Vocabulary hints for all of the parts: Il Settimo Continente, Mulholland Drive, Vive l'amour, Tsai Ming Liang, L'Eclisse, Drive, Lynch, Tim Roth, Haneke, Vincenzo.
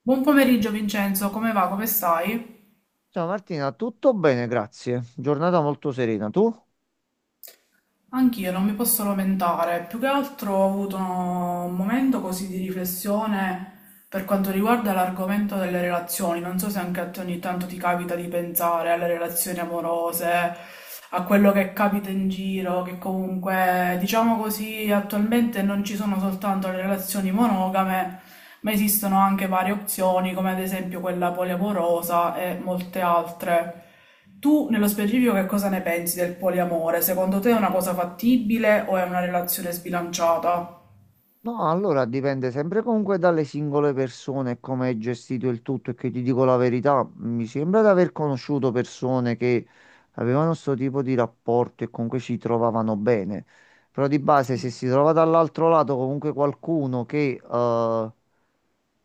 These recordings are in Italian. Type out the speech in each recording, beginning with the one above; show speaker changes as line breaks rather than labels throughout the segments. Buon pomeriggio Vincenzo, come va? Come stai?
Ciao Martina, tutto bene, grazie. Giornata molto serena. Tu?
Anch'io non mi posso lamentare, più che altro ho avuto un momento così di riflessione. Per quanto riguarda l'argomento delle relazioni, non so se anche a te ogni tanto ti capita di pensare alle relazioni amorose, a quello che capita in giro, che comunque, diciamo così, attualmente non ci sono soltanto le relazioni monogame, ma esistono anche varie opzioni, come ad esempio quella poliamorosa e molte altre. Tu, nello specifico, che cosa ne pensi del poliamore? Secondo te è una cosa fattibile o è una relazione sbilanciata?
No, allora dipende sempre comunque dalle singole persone e come hai gestito il tutto e che ti dico la verità, mi sembra di aver conosciuto persone che avevano questo tipo di rapporto e comunque ci trovavano bene. Però di base, se
Sì.
si trova dall'altro lato comunque qualcuno che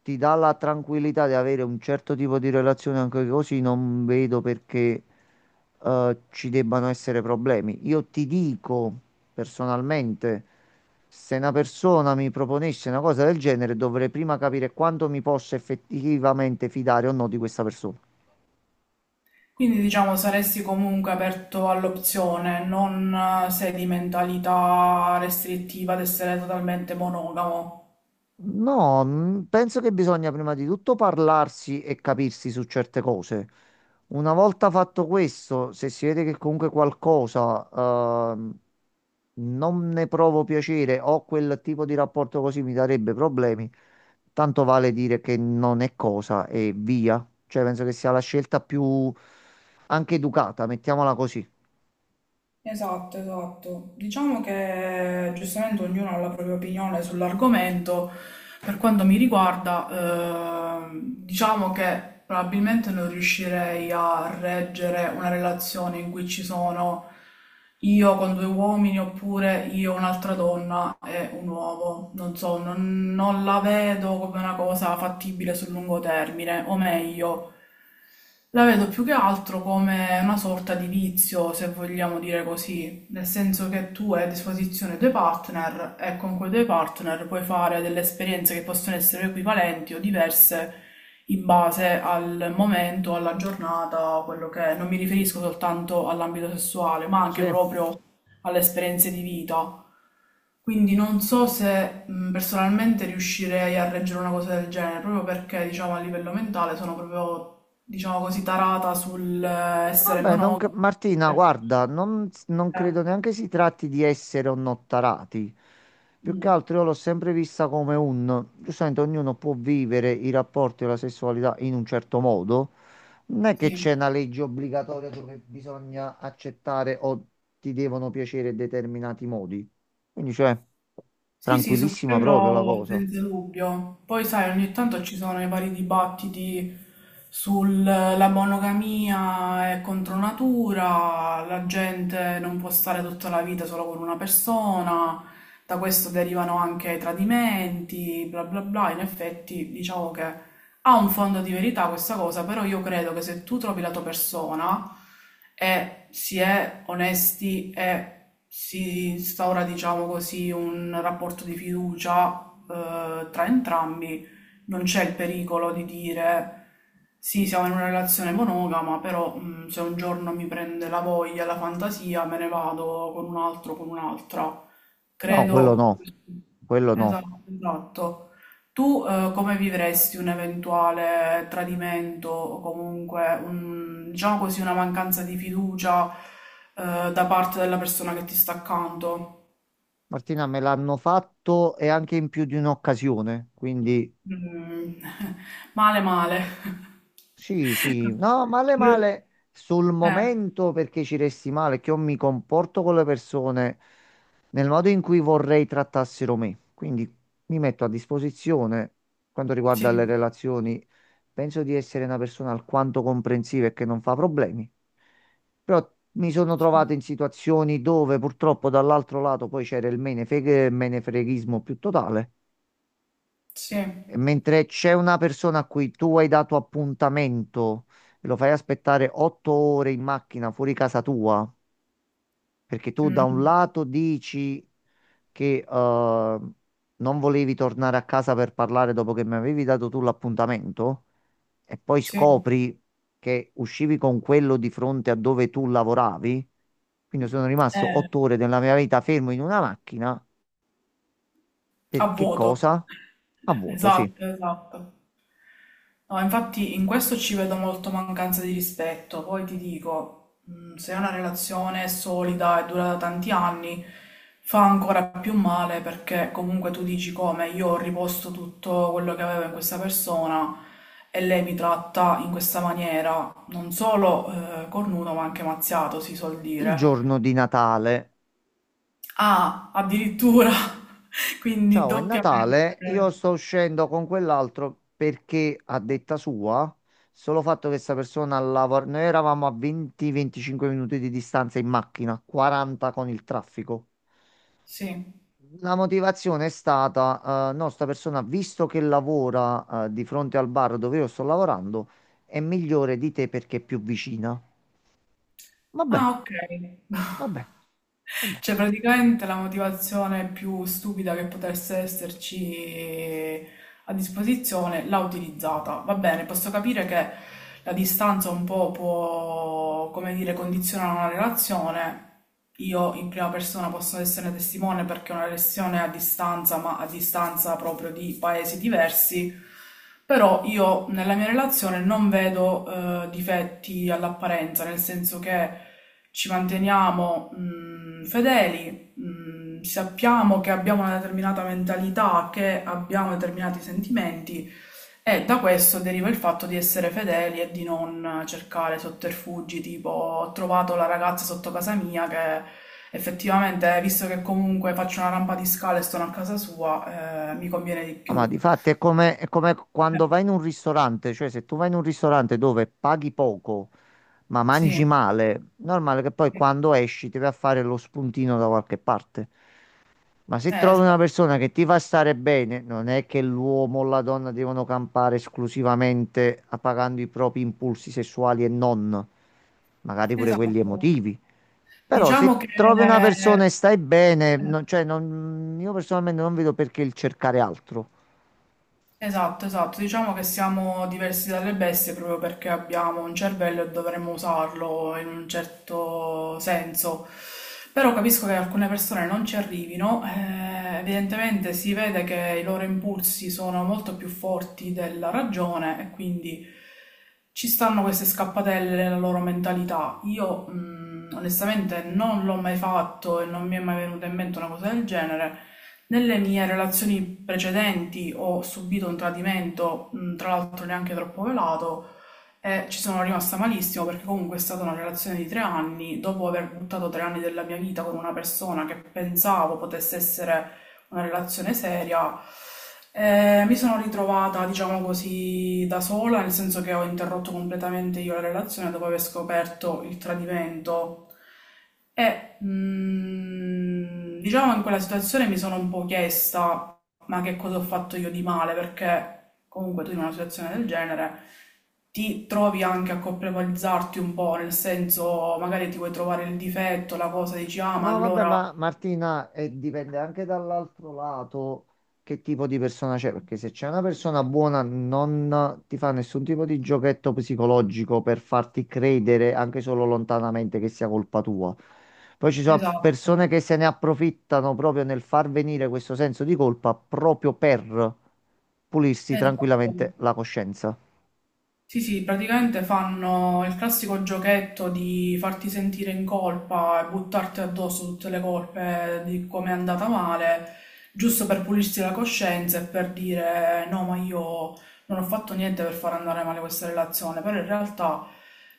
ti dà la tranquillità di avere un certo tipo di relazione anche così, non vedo perché ci debbano essere problemi. Io ti dico personalmente, se una persona mi proponesse una cosa del genere, dovrei prima capire quanto mi posso effettivamente fidare o no di questa persona.
Quindi diciamo saresti comunque aperto all'opzione, non sei di mentalità restrittiva ad essere totalmente monogamo.
No, penso che bisogna prima di tutto parlarsi e capirsi su certe cose. Una volta fatto questo, se si vede che comunque qualcosa non ne provo piacere o quel tipo di rapporto così mi darebbe problemi, tanto vale dire che non è cosa e via. Cioè, penso che sia la scelta più anche educata, mettiamola così.
Esatto, esatto. Diciamo che giustamente ognuno ha la propria opinione sull'argomento. Per quanto mi riguarda, diciamo che probabilmente non riuscirei a reggere una relazione in cui ci sono io con due uomini oppure io un'altra donna e un uomo. Non so, non la vedo come una cosa fattibile sul lungo termine, o meglio. La vedo più che altro come una sorta di vizio, se vogliamo dire così, nel senso che tu hai a disposizione due partner e con quei due partner puoi fare delle esperienze che possono essere equivalenti o diverse in base al momento, alla giornata, quello che è. Non mi riferisco soltanto all'ambito sessuale, ma
Sì.
anche proprio alle esperienze di vita. Quindi non so se personalmente riuscirei a reggere una cosa del genere, proprio perché, diciamo, a livello mentale sono proprio diciamo così, tarata sull'essere
Vabbè, non cre-
monogama.
Martina, guarda, non
Eh,
credo neanche si tratti di essere onnottarati. Più che
mm,
altro io l'ho sempre vista come un... Giustamente ognuno può vivere i rapporti e la sessualità in un certo modo. Non è che
sì.
c'è una legge obbligatoria dove bisogna accettare o ti devono piacere determinati modi. Quindi, cioè,
Sì, sì, su
tranquillissima proprio la
quello
cosa.
senza dubbio. Poi sai, ogni tanto ci sono i vari dibattiti sulla monogamia è contro natura, la gente non può stare tutta la vita solo con una persona, da questo derivano anche i tradimenti, bla bla bla. In effetti, diciamo che ha un fondo di verità questa cosa, però io credo che se tu trovi la tua persona e si è onesti e si instaura, diciamo così, un rapporto di fiducia tra entrambi, non c'è il pericolo di dire sì, siamo in una relazione monogama, però se un giorno mi prende la voglia, la fantasia, me ne vado con un altro, con un'altra.
No, quello
Credo,
no, quello no.
esatto, esatto. Tu come vivresti un eventuale tradimento o comunque un, diciamo così, una mancanza di fiducia da parte della persona che ti sta accanto?
Martina, me l'hanno fatto e anche in più di un'occasione, quindi...
Mm, male, male.
Sì, sì, no, male male sul
Eh,
momento perché ci resti male, che io mi comporto con le persone nel modo in cui vorrei trattassero me. Quindi mi metto a disposizione quanto riguarda
sì,
le relazioni. Penso di essere una persona alquanto comprensiva e che non fa problemi. Però mi sono
sì,
trovato in situazioni dove purtroppo dall'altro lato poi c'era il menefreghismo più totale.
sì,
E mentre c'è una persona a cui tu hai dato appuntamento e lo fai aspettare 8 ore in macchina fuori casa tua, perché tu da un
mm,
lato dici che non volevi tornare a casa per parlare dopo che mi avevi dato tu l'appuntamento, e poi
sì.
scopri che uscivi con quello di fronte a dove tu lavoravi, quindi sono rimasto
Eh,
8 ore della mia vita fermo in una macchina,
a
per che
vuoto.
cosa? A vuoto, sì.
Esatto, esatto. No, infatti in questo ci vedo molto mancanza di rispetto. Poi ti dico, se è una relazione solida e dura da tanti anni, fa ancora più male perché comunque tu dici come io ho riposto tutto quello che avevo in questa persona e lei mi tratta in questa maniera, non solo cornuto ma anche mazziato, si suol
Il
dire.
giorno di Natale.
Ah, addirittura, quindi
Ciao, è
doppiamente.
Natale. Io sto uscendo con quell'altro perché, a detta sua, solo fatto che questa persona lavora. Noi eravamo a 20-25 minuti di distanza in macchina, 40 con il traffico.
Sì.
La motivazione è stata, no, sta persona, visto che lavora, di fronte al bar dove io sto lavorando, è migliore di te perché è più vicina. Va
Ah,
bene,
ok.
va bene, va bene.
Cioè, praticamente la motivazione più stupida che potesse esserci a disposizione l'ha utilizzata. Va bene, posso capire che la distanza un po' può, come dire, condizionare una relazione, io in prima persona posso essere testimone perché è una lezione a distanza, ma a distanza proprio di paesi diversi, però io nella mia relazione non vedo difetti all'apparenza, nel senso che ci manteniamo fedeli, sappiamo che abbiamo una determinata mentalità, che abbiamo determinati sentimenti e da questo deriva il fatto di essere fedeli e di non cercare sotterfugi, tipo ho trovato la ragazza sotto casa mia che effettivamente, visto che comunque faccio una rampa di scale e sono a casa sua, mi conviene di
No, ma
più.
di fatto è come
Eh,
quando vai in un ristorante, cioè se tu vai in un ristorante dove paghi poco ma mangi
sì,
male, normale che poi quando esci ti vai a fare lo spuntino da qualche parte. Ma se trovi una
esatto.
persona che ti fa stare bene, non è che l'uomo o la donna devono campare esclusivamente appagando i propri impulsi sessuali e non, magari pure
Esatto.
quelli emotivi. Però se
Diciamo che
trovi una persona e stai bene,
eh,
io personalmente non vedo perché il cercare altro.
esatto, esatto. Diciamo che siamo diversi dalle bestie proprio perché abbiamo un cervello e dovremmo usarlo in un certo senso. Però capisco che alcune persone non ci arrivino. Evidentemente si vede che i loro impulsi sono molto più forti della ragione e quindi ci stanno queste scappatelle nella loro mentalità. Io, onestamente non l'ho mai fatto e non mi è mai venuta in mente una cosa del genere. Nelle mie relazioni precedenti ho subito un tradimento, tra l'altro neanche troppo velato, e ci sono rimasta malissimo perché comunque è stata una relazione di 3 anni, dopo aver buttato 3 anni della mia vita con una persona che pensavo potesse essere una relazione seria. Mi sono ritrovata, diciamo così, da sola, nel senso che ho interrotto completamente io la relazione dopo aver scoperto il tradimento e, diciamo, in quella situazione mi sono un po' chiesta: ma che cosa ho fatto io di male? Perché comunque tu in una situazione del genere ti trovi anche a colpevolizzarti un po', nel senso magari ti vuoi trovare il difetto, la cosa, dici: ah, ma
No, vabbè,
allora...
ma Martina, dipende anche dall'altro lato che tipo di persona c'è, perché se c'è una persona buona non ti fa nessun tipo di giochetto psicologico per farti credere anche solo lontanamente che sia colpa tua. Poi ci sono
Esatto,
persone che se ne approfittano proprio nel far venire questo senso di colpa proprio per pulirsi
esatto.
tranquillamente la coscienza.
Sì, sì, praticamente fanno il classico giochetto di farti sentire in colpa e buttarti addosso tutte le colpe di come è andata male, giusto per pulirsi la coscienza e per dire: no, ma io non ho fatto niente per far andare male questa relazione, però in realtà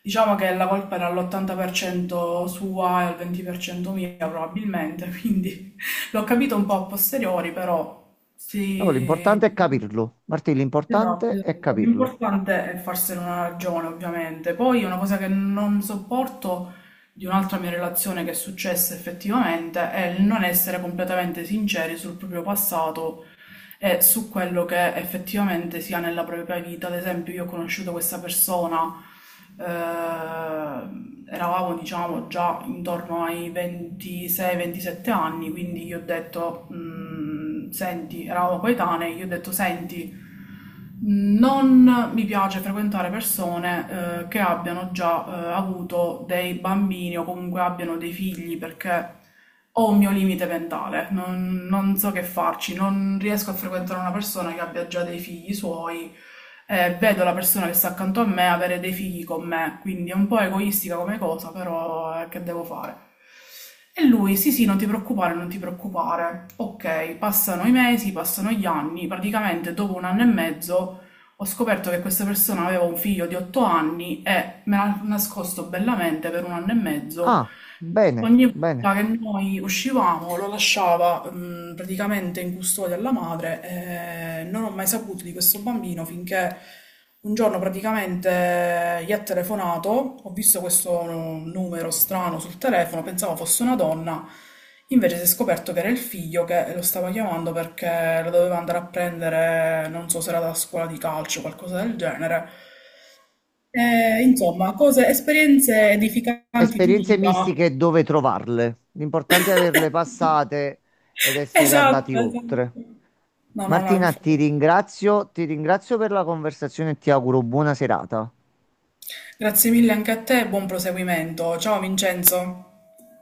diciamo che la colpa era all'80% sua e al 20% mia probabilmente, quindi l'ho capito un po' a posteriori, però
Allora,
sì.
l'importante è capirlo. Martì,
Esatto,
l'importante è
esatto.
capirlo.
L'importante è farsene una ragione, ovviamente. Poi una cosa che non sopporto di un'altra mia relazione che è successa effettivamente è il non essere completamente sinceri sul proprio passato e su quello che effettivamente si ha nella propria vita. Ad esempio, io ho conosciuto questa persona, eravamo diciamo già intorno ai 26-27 anni, quindi gli ho detto, Senti", eravamo coetanei, gli ho detto, "Senti, non mi piace frequentare persone che abbiano già avuto dei bambini o comunque abbiano dei figli, perché ho un mio limite mentale, non so che farci, non riesco a frequentare una persona che abbia già dei figli suoi, vedo la persona che sta accanto a me avere dei figli con me, quindi è un po' egoistica come cosa, però che devo fare?" E lui: "Sì, sì, non ti preoccupare, non ti preoccupare." Ok, passano i mesi, passano gli anni, praticamente dopo un anno e mezzo ho scoperto che questa persona aveva un figlio di 8 anni e me l'ha nascosto bellamente per un anno e mezzo.
Ah, bene,
Ogni
bene.
volta che noi uscivamo lo lasciava, praticamente, in custodia alla madre, e non ho mai saputo di questo bambino finché un giorno praticamente gli ha telefonato, ho visto questo numero strano sul telefono, pensavo fosse una donna, invece si è scoperto che era il figlio che lo stava chiamando perché lo doveva andare a prendere, non so se era da scuola di calcio o qualcosa del genere. Insomma, cose, esperienze edificanti di
Esperienze
vita.
mistiche e dove trovarle. L'importante è averle passate ed essere
Esatto,
andati oltre.
esatto. No, no, no,
Martina,
infatti.
ti ringrazio per la conversazione e ti auguro buona serata.
Grazie mille anche a te e buon proseguimento. Ciao Vincenzo.